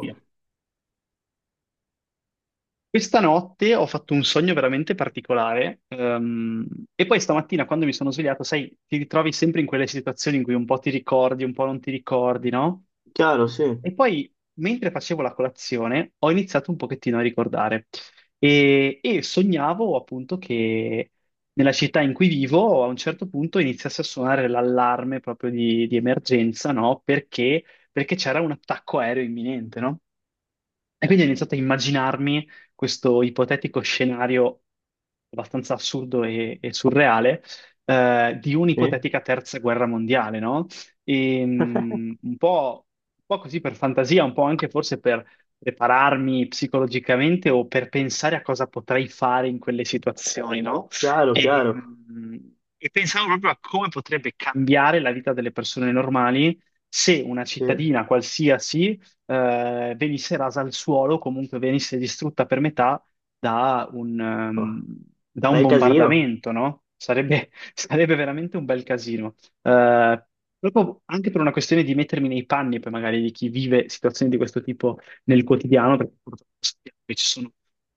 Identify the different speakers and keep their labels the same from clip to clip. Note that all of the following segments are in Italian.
Speaker 1: Sì. Questa notte ho fatto un sogno veramente particolare, e poi stamattina quando mi sono svegliato, sai, ti ritrovi sempre in quelle situazioni in cui un po' ti ricordi, un po' non ti ricordi, no?
Speaker 2: Chiaro, sì,
Speaker 1: E poi, mentre facevo la colazione, ho iniziato un pochettino a ricordare e sognavo appunto che nella città in cui vivo a un certo punto iniziasse a suonare l'allarme proprio di emergenza, no? Perché c'era un attacco aereo imminente, no? E quindi ho iniziato a immaginarmi questo ipotetico scenario abbastanza assurdo e surreale di
Speaker 2: sì.
Speaker 1: un'ipotetica terza guerra mondiale, no? E, un po' così per fantasia, un po' anche forse per prepararmi psicologicamente o per pensare a cosa potrei fare in quelle situazioni, no?
Speaker 2: Chiaro,
Speaker 1: E,
Speaker 2: chiaro,
Speaker 1: e pensavo proprio a come potrebbe cambiare la vita delle persone normali se una
Speaker 2: sì.
Speaker 1: cittadina qualsiasi venisse rasa al suolo, comunque venisse distrutta per metà da un,
Speaker 2: Oh.
Speaker 1: ehm, da un
Speaker 2: Bel casino,
Speaker 1: bombardamento, no? Sarebbe, sarebbe veramente un bel casino. Eh, Proprio anche per una questione di mettermi nei panni, poi magari di chi vive situazioni di questo tipo nel quotidiano, perché purtroppo sappiamo che ci sono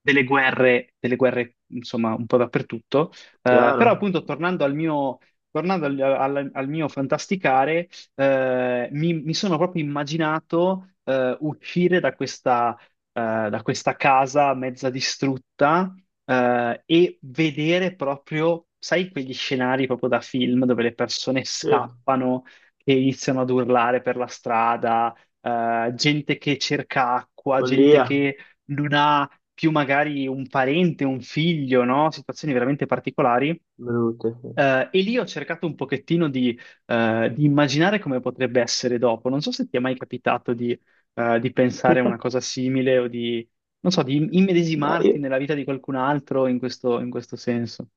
Speaker 1: delle guerre, insomma, un po' dappertutto. Però
Speaker 2: chiaro,
Speaker 1: appunto tornando al al mio fantasticare, mi sono proprio immaginato, uscire da da questa casa mezza distrutta, e vedere proprio, sai, quegli scenari proprio da film dove le persone
Speaker 2: sì.
Speaker 1: scappano e iniziano ad urlare per la strada, gente che cerca acqua, gente
Speaker 2: Follia,
Speaker 1: che non ha più magari un parente, un figlio, no? Situazioni veramente particolari.
Speaker 2: brutte, sì.
Speaker 1: E lì ho cercato un pochettino di immaginare come potrebbe essere dopo. Non so se ti è mai capitato di pensare a una cosa simile o di, non so, di
Speaker 2: Ma
Speaker 1: immedesimarti
Speaker 2: io...
Speaker 1: nella vita di qualcun altro in questo senso.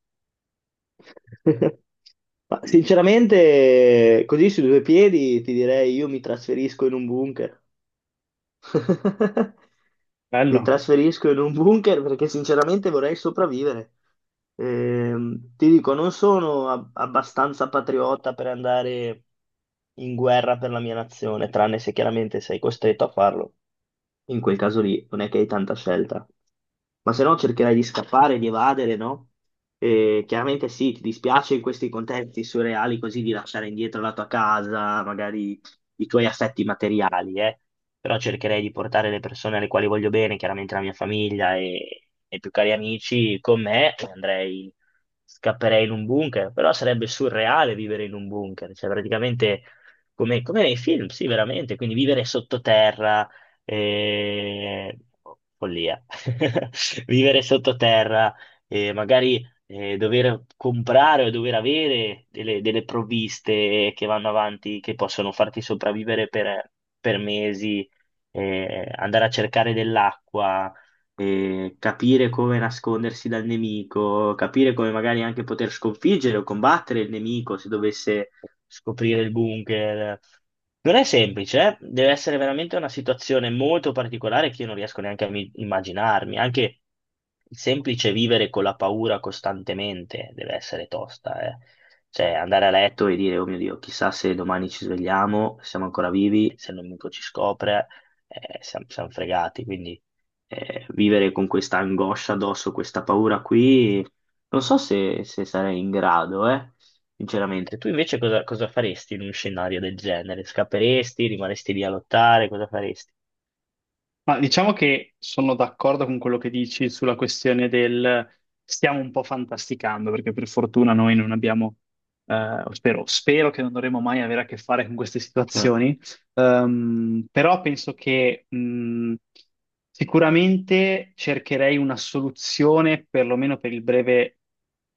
Speaker 2: Ma sinceramente, così su due piedi ti direi io mi trasferisco in un bunker. Mi
Speaker 1: Bello.
Speaker 2: trasferisco in un bunker perché sinceramente vorrei sopravvivere. Ti dico, non sono abbastanza patriota per andare in guerra per la mia nazione, tranne se chiaramente sei costretto a farlo. In quel caso lì non è che hai tanta scelta. Ma se no cercherai di scappare, di evadere, no? E chiaramente sì, ti dispiace in questi contesti surreali così di lasciare indietro la tua casa, magari i tuoi assetti materiali, eh? Però cercherei di portare le persone alle quali voglio bene, chiaramente la mia famiglia e i più cari amici con me, e andrei, scapperei in un bunker, però sarebbe surreale vivere in un bunker, cioè praticamente come, come nei film, sì, veramente, quindi vivere sottoterra, eh, follia. Vivere sottoterra, magari dover comprare o dover avere delle provviste che vanno avanti, che possono farti sopravvivere per mesi, andare a cercare dell'acqua e capire come nascondersi dal nemico, capire come magari anche poter sconfiggere o combattere il nemico se dovesse scoprire il bunker. Non è semplice, eh. Deve essere veramente una situazione molto particolare che io non riesco neanche a immaginarmi. Anche il semplice vivere con la paura costantemente deve essere tosta, eh. Cioè, andare a letto e dire, oh mio Dio, chissà se domani ci svegliamo, siamo ancora vivi, se il nemico ci scopre, siamo fregati. Quindi vivere con questa angoscia addosso, questa paura qui, non so se, se sarei in grado, sinceramente. Tu invece cosa, cosa faresti in un scenario del genere? Scapperesti? Rimaresti lì a lottare? Cosa faresti?
Speaker 1: Ma diciamo che sono d'accordo con quello che dici sulla questione del stiamo un po' fantasticando, perché per fortuna noi non abbiamo, spero che non dovremo mai avere a che fare con queste
Speaker 2: Eh,
Speaker 1: situazioni. Però penso che, sicuramente cercherei una soluzione, perlomeno per il breve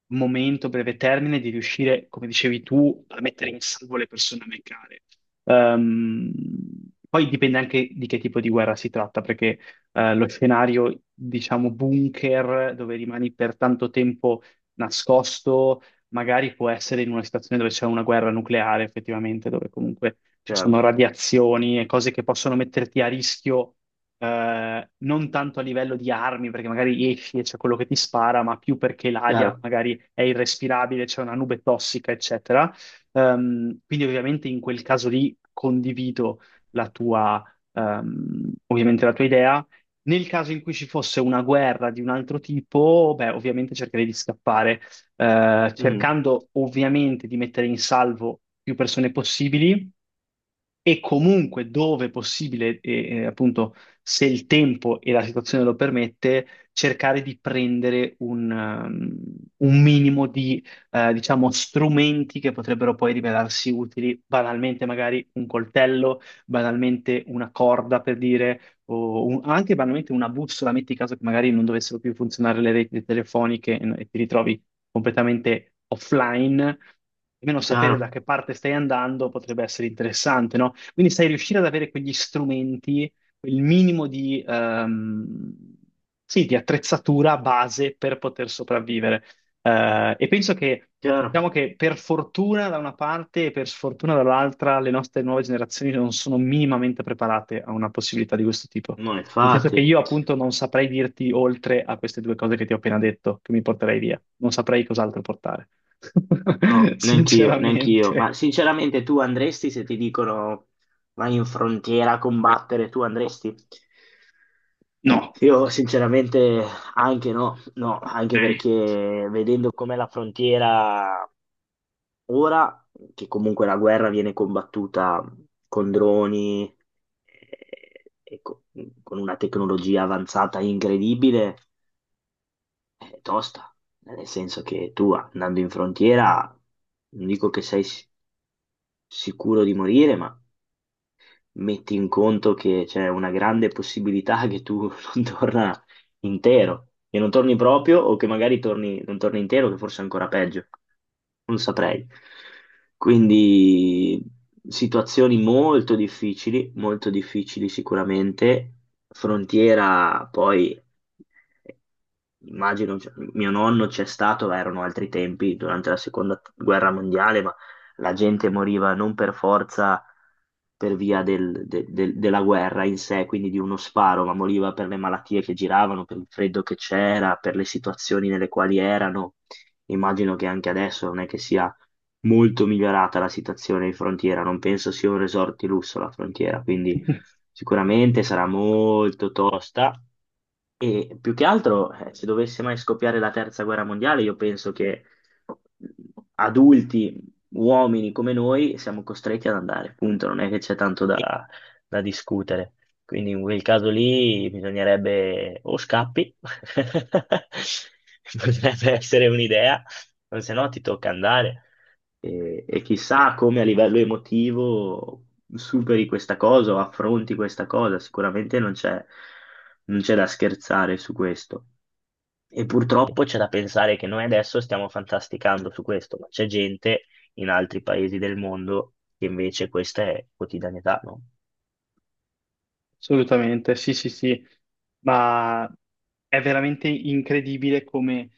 Speaker 1: momento, breve termine, di riuscire, come dicevi tu, a mettere in salvo le persone a me care. Ehm, Poi dipende anche di che tipo di guerra si tratta, perché, lo scenario, diciamo, bunker, dove rimani per tanto tempo nascosto, magari può essere in una situazione dove c'è una guerra nucleare, effettivamente, dove comunque ci
Speaker 2: Chiaro,
Speaker 1: sono radiazioni e cose che possono metterti a rischio, non tanto a livello di armi, perché magari esci e c'è quello che ti spara, ma più perché l'aria
Speaker 2: chiaro.
Speaker 1: magari è irrespirabile, c'è una nube tossica, eccetera. Quindi ovviamente in quel caso lì condivido la tua, ovviamente la tua idea. Nel caso in cui ci fosse una guerra di un altro tipo, beh, ovviamente cercherei di scappare,
Speaker 2: Mm,
Speaker 1: cercando ovviamente di mettere in salvo più persone possibili e comunque dove è possibile, appunto se il tempo e la situazione lo permette, cercare di prendere un un minimo di, diciamo, strumenti che potrebbero poi rivelarsi utili, banalmente magari un coltello, banalmente una corda per dire, o anche banalmente una bussola, metti caso che magari non dovessero più funzionare le reti telefoniche e ti ritrovi completamente offline, almeno sapere
Speaker 2: chiaro,
Speaker 1: da che parte stai andando potrebbe essere interessante, no? Quindi sai, riuscire ad avere quegli strumenti, quel minimo di, sì, di attrezzatura base per poter sopravvivere. Eh, e penso che,
Speaker 2: chiaro.
Speaker 1: diciamo che per fortuna da una parte e per sfortuna dall'altra, le nostre nuove generazioni non sono minimamente preparate a una possibilità di questo tipo.
Speaker 2: No,
Speaker 1: Nel senso che
Speaker 2: infatti,
Speaker 1: io appunto non saprei dirti, oltre a queste due cose che ti ho appena detto, che mi porterei via. Non saprei cos'altro portare.
Speaker 2: no, neanch'io, neanch'io.
Speaker 1: Sinceramente.
Speaker 2: Ma sinceramente tu andresti se ti dicono vai in frontiera a combattere, tu andresti?
Speaker 1: No,
Speaker 2: Io sinceramente anche no, no, anche
Speaker 1: direi.
Speaker 2: perché vedendo com'è la frontiera ora, che comunque la guerra viene combattuta con droni, eh, e co- con una tecnologia avanzata incredibile, è tosta, nel senso che tu andando in frontiera, non dico che sei sicuro di morire, ma metti in conto che c'è una grande possibilità che tu non torna intero, che non torni proprio o che magari torni, non torni intero, che forse è ancora peggio, non saprei. Quindi situazioni molto difficili sicuramente, frontiera poi immagino, cioè, mio nonno c'è stato, ma erano altri tempi durante la seconda guerra mondiale, ma la gente moriva non per forza per via della guerra in sé, quindi di uno sparo, ma moriva per le malattie che giravano, per il freddo che c'era, per le situazioni nelle quali erano. Immagino che anche adesso non è che sia molto migliorata la situazione in frontiera, non penso sia un resort di lusso la frontiera, quindi sicuramente sarà molto tosta e più che altro, se dovesse mai scoppiare la terza guerra mondiale, io penso che adulti, uomini come noi, siamo costretti ad andare, punto, non è che c'è tanto da, da discutere. Quindi in quel caso lì bisognerebbe o scappi, potrebbe essere un'idea, o se no ti tocca andare. E chissà come a livello emotivo superi questa cosa o affronti questa cosa, sicuramente non c'è da scherzare su questo. E purtroppo c'è da pensare che noi adesso stiamo fantasticando su questo, ma c'è gente in altri paesi del mondo che invece questa è quotidianità, no?
Speaker 1: Assolutamente, sì, sì, sì, ma è veramente incredibile come,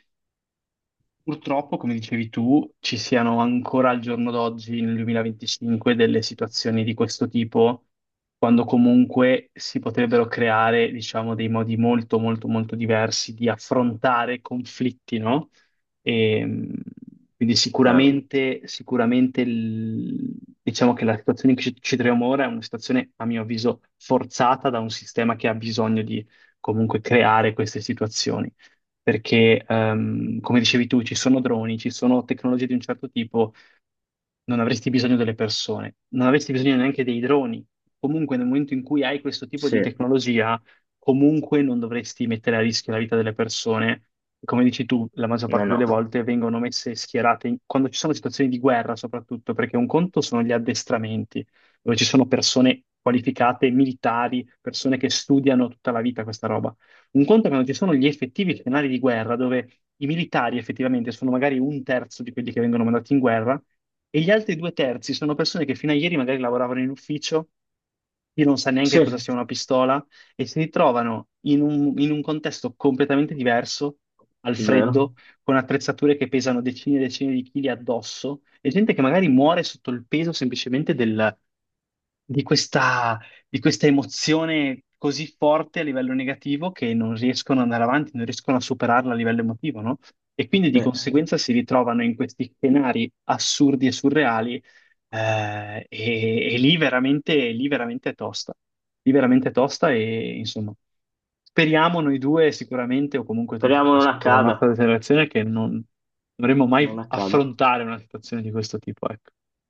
Speaker 1: purtroppo, come dicevi tu, ci siano ancora al giorno d'oggi, nel 2025, delle situazioni di questo tipo, quando comunque si potrebbero creare, diciamo, dei modi molto, molto, molto diversi di affrontare conflitti, no? E, quindi
Speaker 2: Chiaro?
Speaker 1: sicuramente, diciamo che la situazione in cui ci troviamo ora è una situazione, a mio avviso, forzata da un sistema che ha bisogno di comunque creare queste situazioni perché, come dicevi tu, ci sono droni, ci sono tecnologie di un certo tipo, non avresti bisogno delle persone, non avresti bisogno neanche dei droni. Comunque, nel momento in cui hai questo tipo
Speaker 2: Sì,
Speaker 1: di
Speaker 2: eh,
Speaker 1: tecnologia, comunque non dovresti mettere a rischio la vita delle persone. Come dici tu, la maggior parte delle
Speaker 2: no.
Speaker 1: volte vengono messe schierate in- quando ci sono situazioni di guerra, soprattutto, perché un conto sono gli addestramenti, dove ci sono persone qualificate, militari, persone che studiano tutta la vita questa roba. Un conto è quando ci sono gli effettivi scenari di guerra, dove i militari effettivamente sono magari un terzo di quelli che vengono mandati in guerra, e gli altri due terzi sono persone che fino a ieri magari lavoravano in ufficio, chi non sa
Speaker 2: Sì,
Speaker 1: neanche
Speaker 2: è
Speaker 1: cosa sia una pistola, e si ritrovano in un contesto completamente diverso, al
Speaker 2: vero.
Speaker 1: freddo, con attrezzature che pesano decine e decine di chili addosso, e gente che magari muore sotto il peso semplicemente del, di questa, di questa emozione così forte a livello negativo, che non riescono ad andare avanti, non riescono a superarla a livello emotivo, no? E quindi di
Speaker 2: Sì.
Speaker 1: conseguenza si ritrovano in questi scenari assurdi e surreali, e lì veramente è tosta. Lì veramente è tosta e insomma. Speriamo noi due sicuramente, o comunque tutte le
Speaker 2: Speriamo non
Speaker 1: persone della
Speaker 2: accada,
Speaker 1: nostra generazione, che non dovremmo mai
Speaker 2: non accada.
Speaker 1: affrontare una situazione di questo tipo, ecco.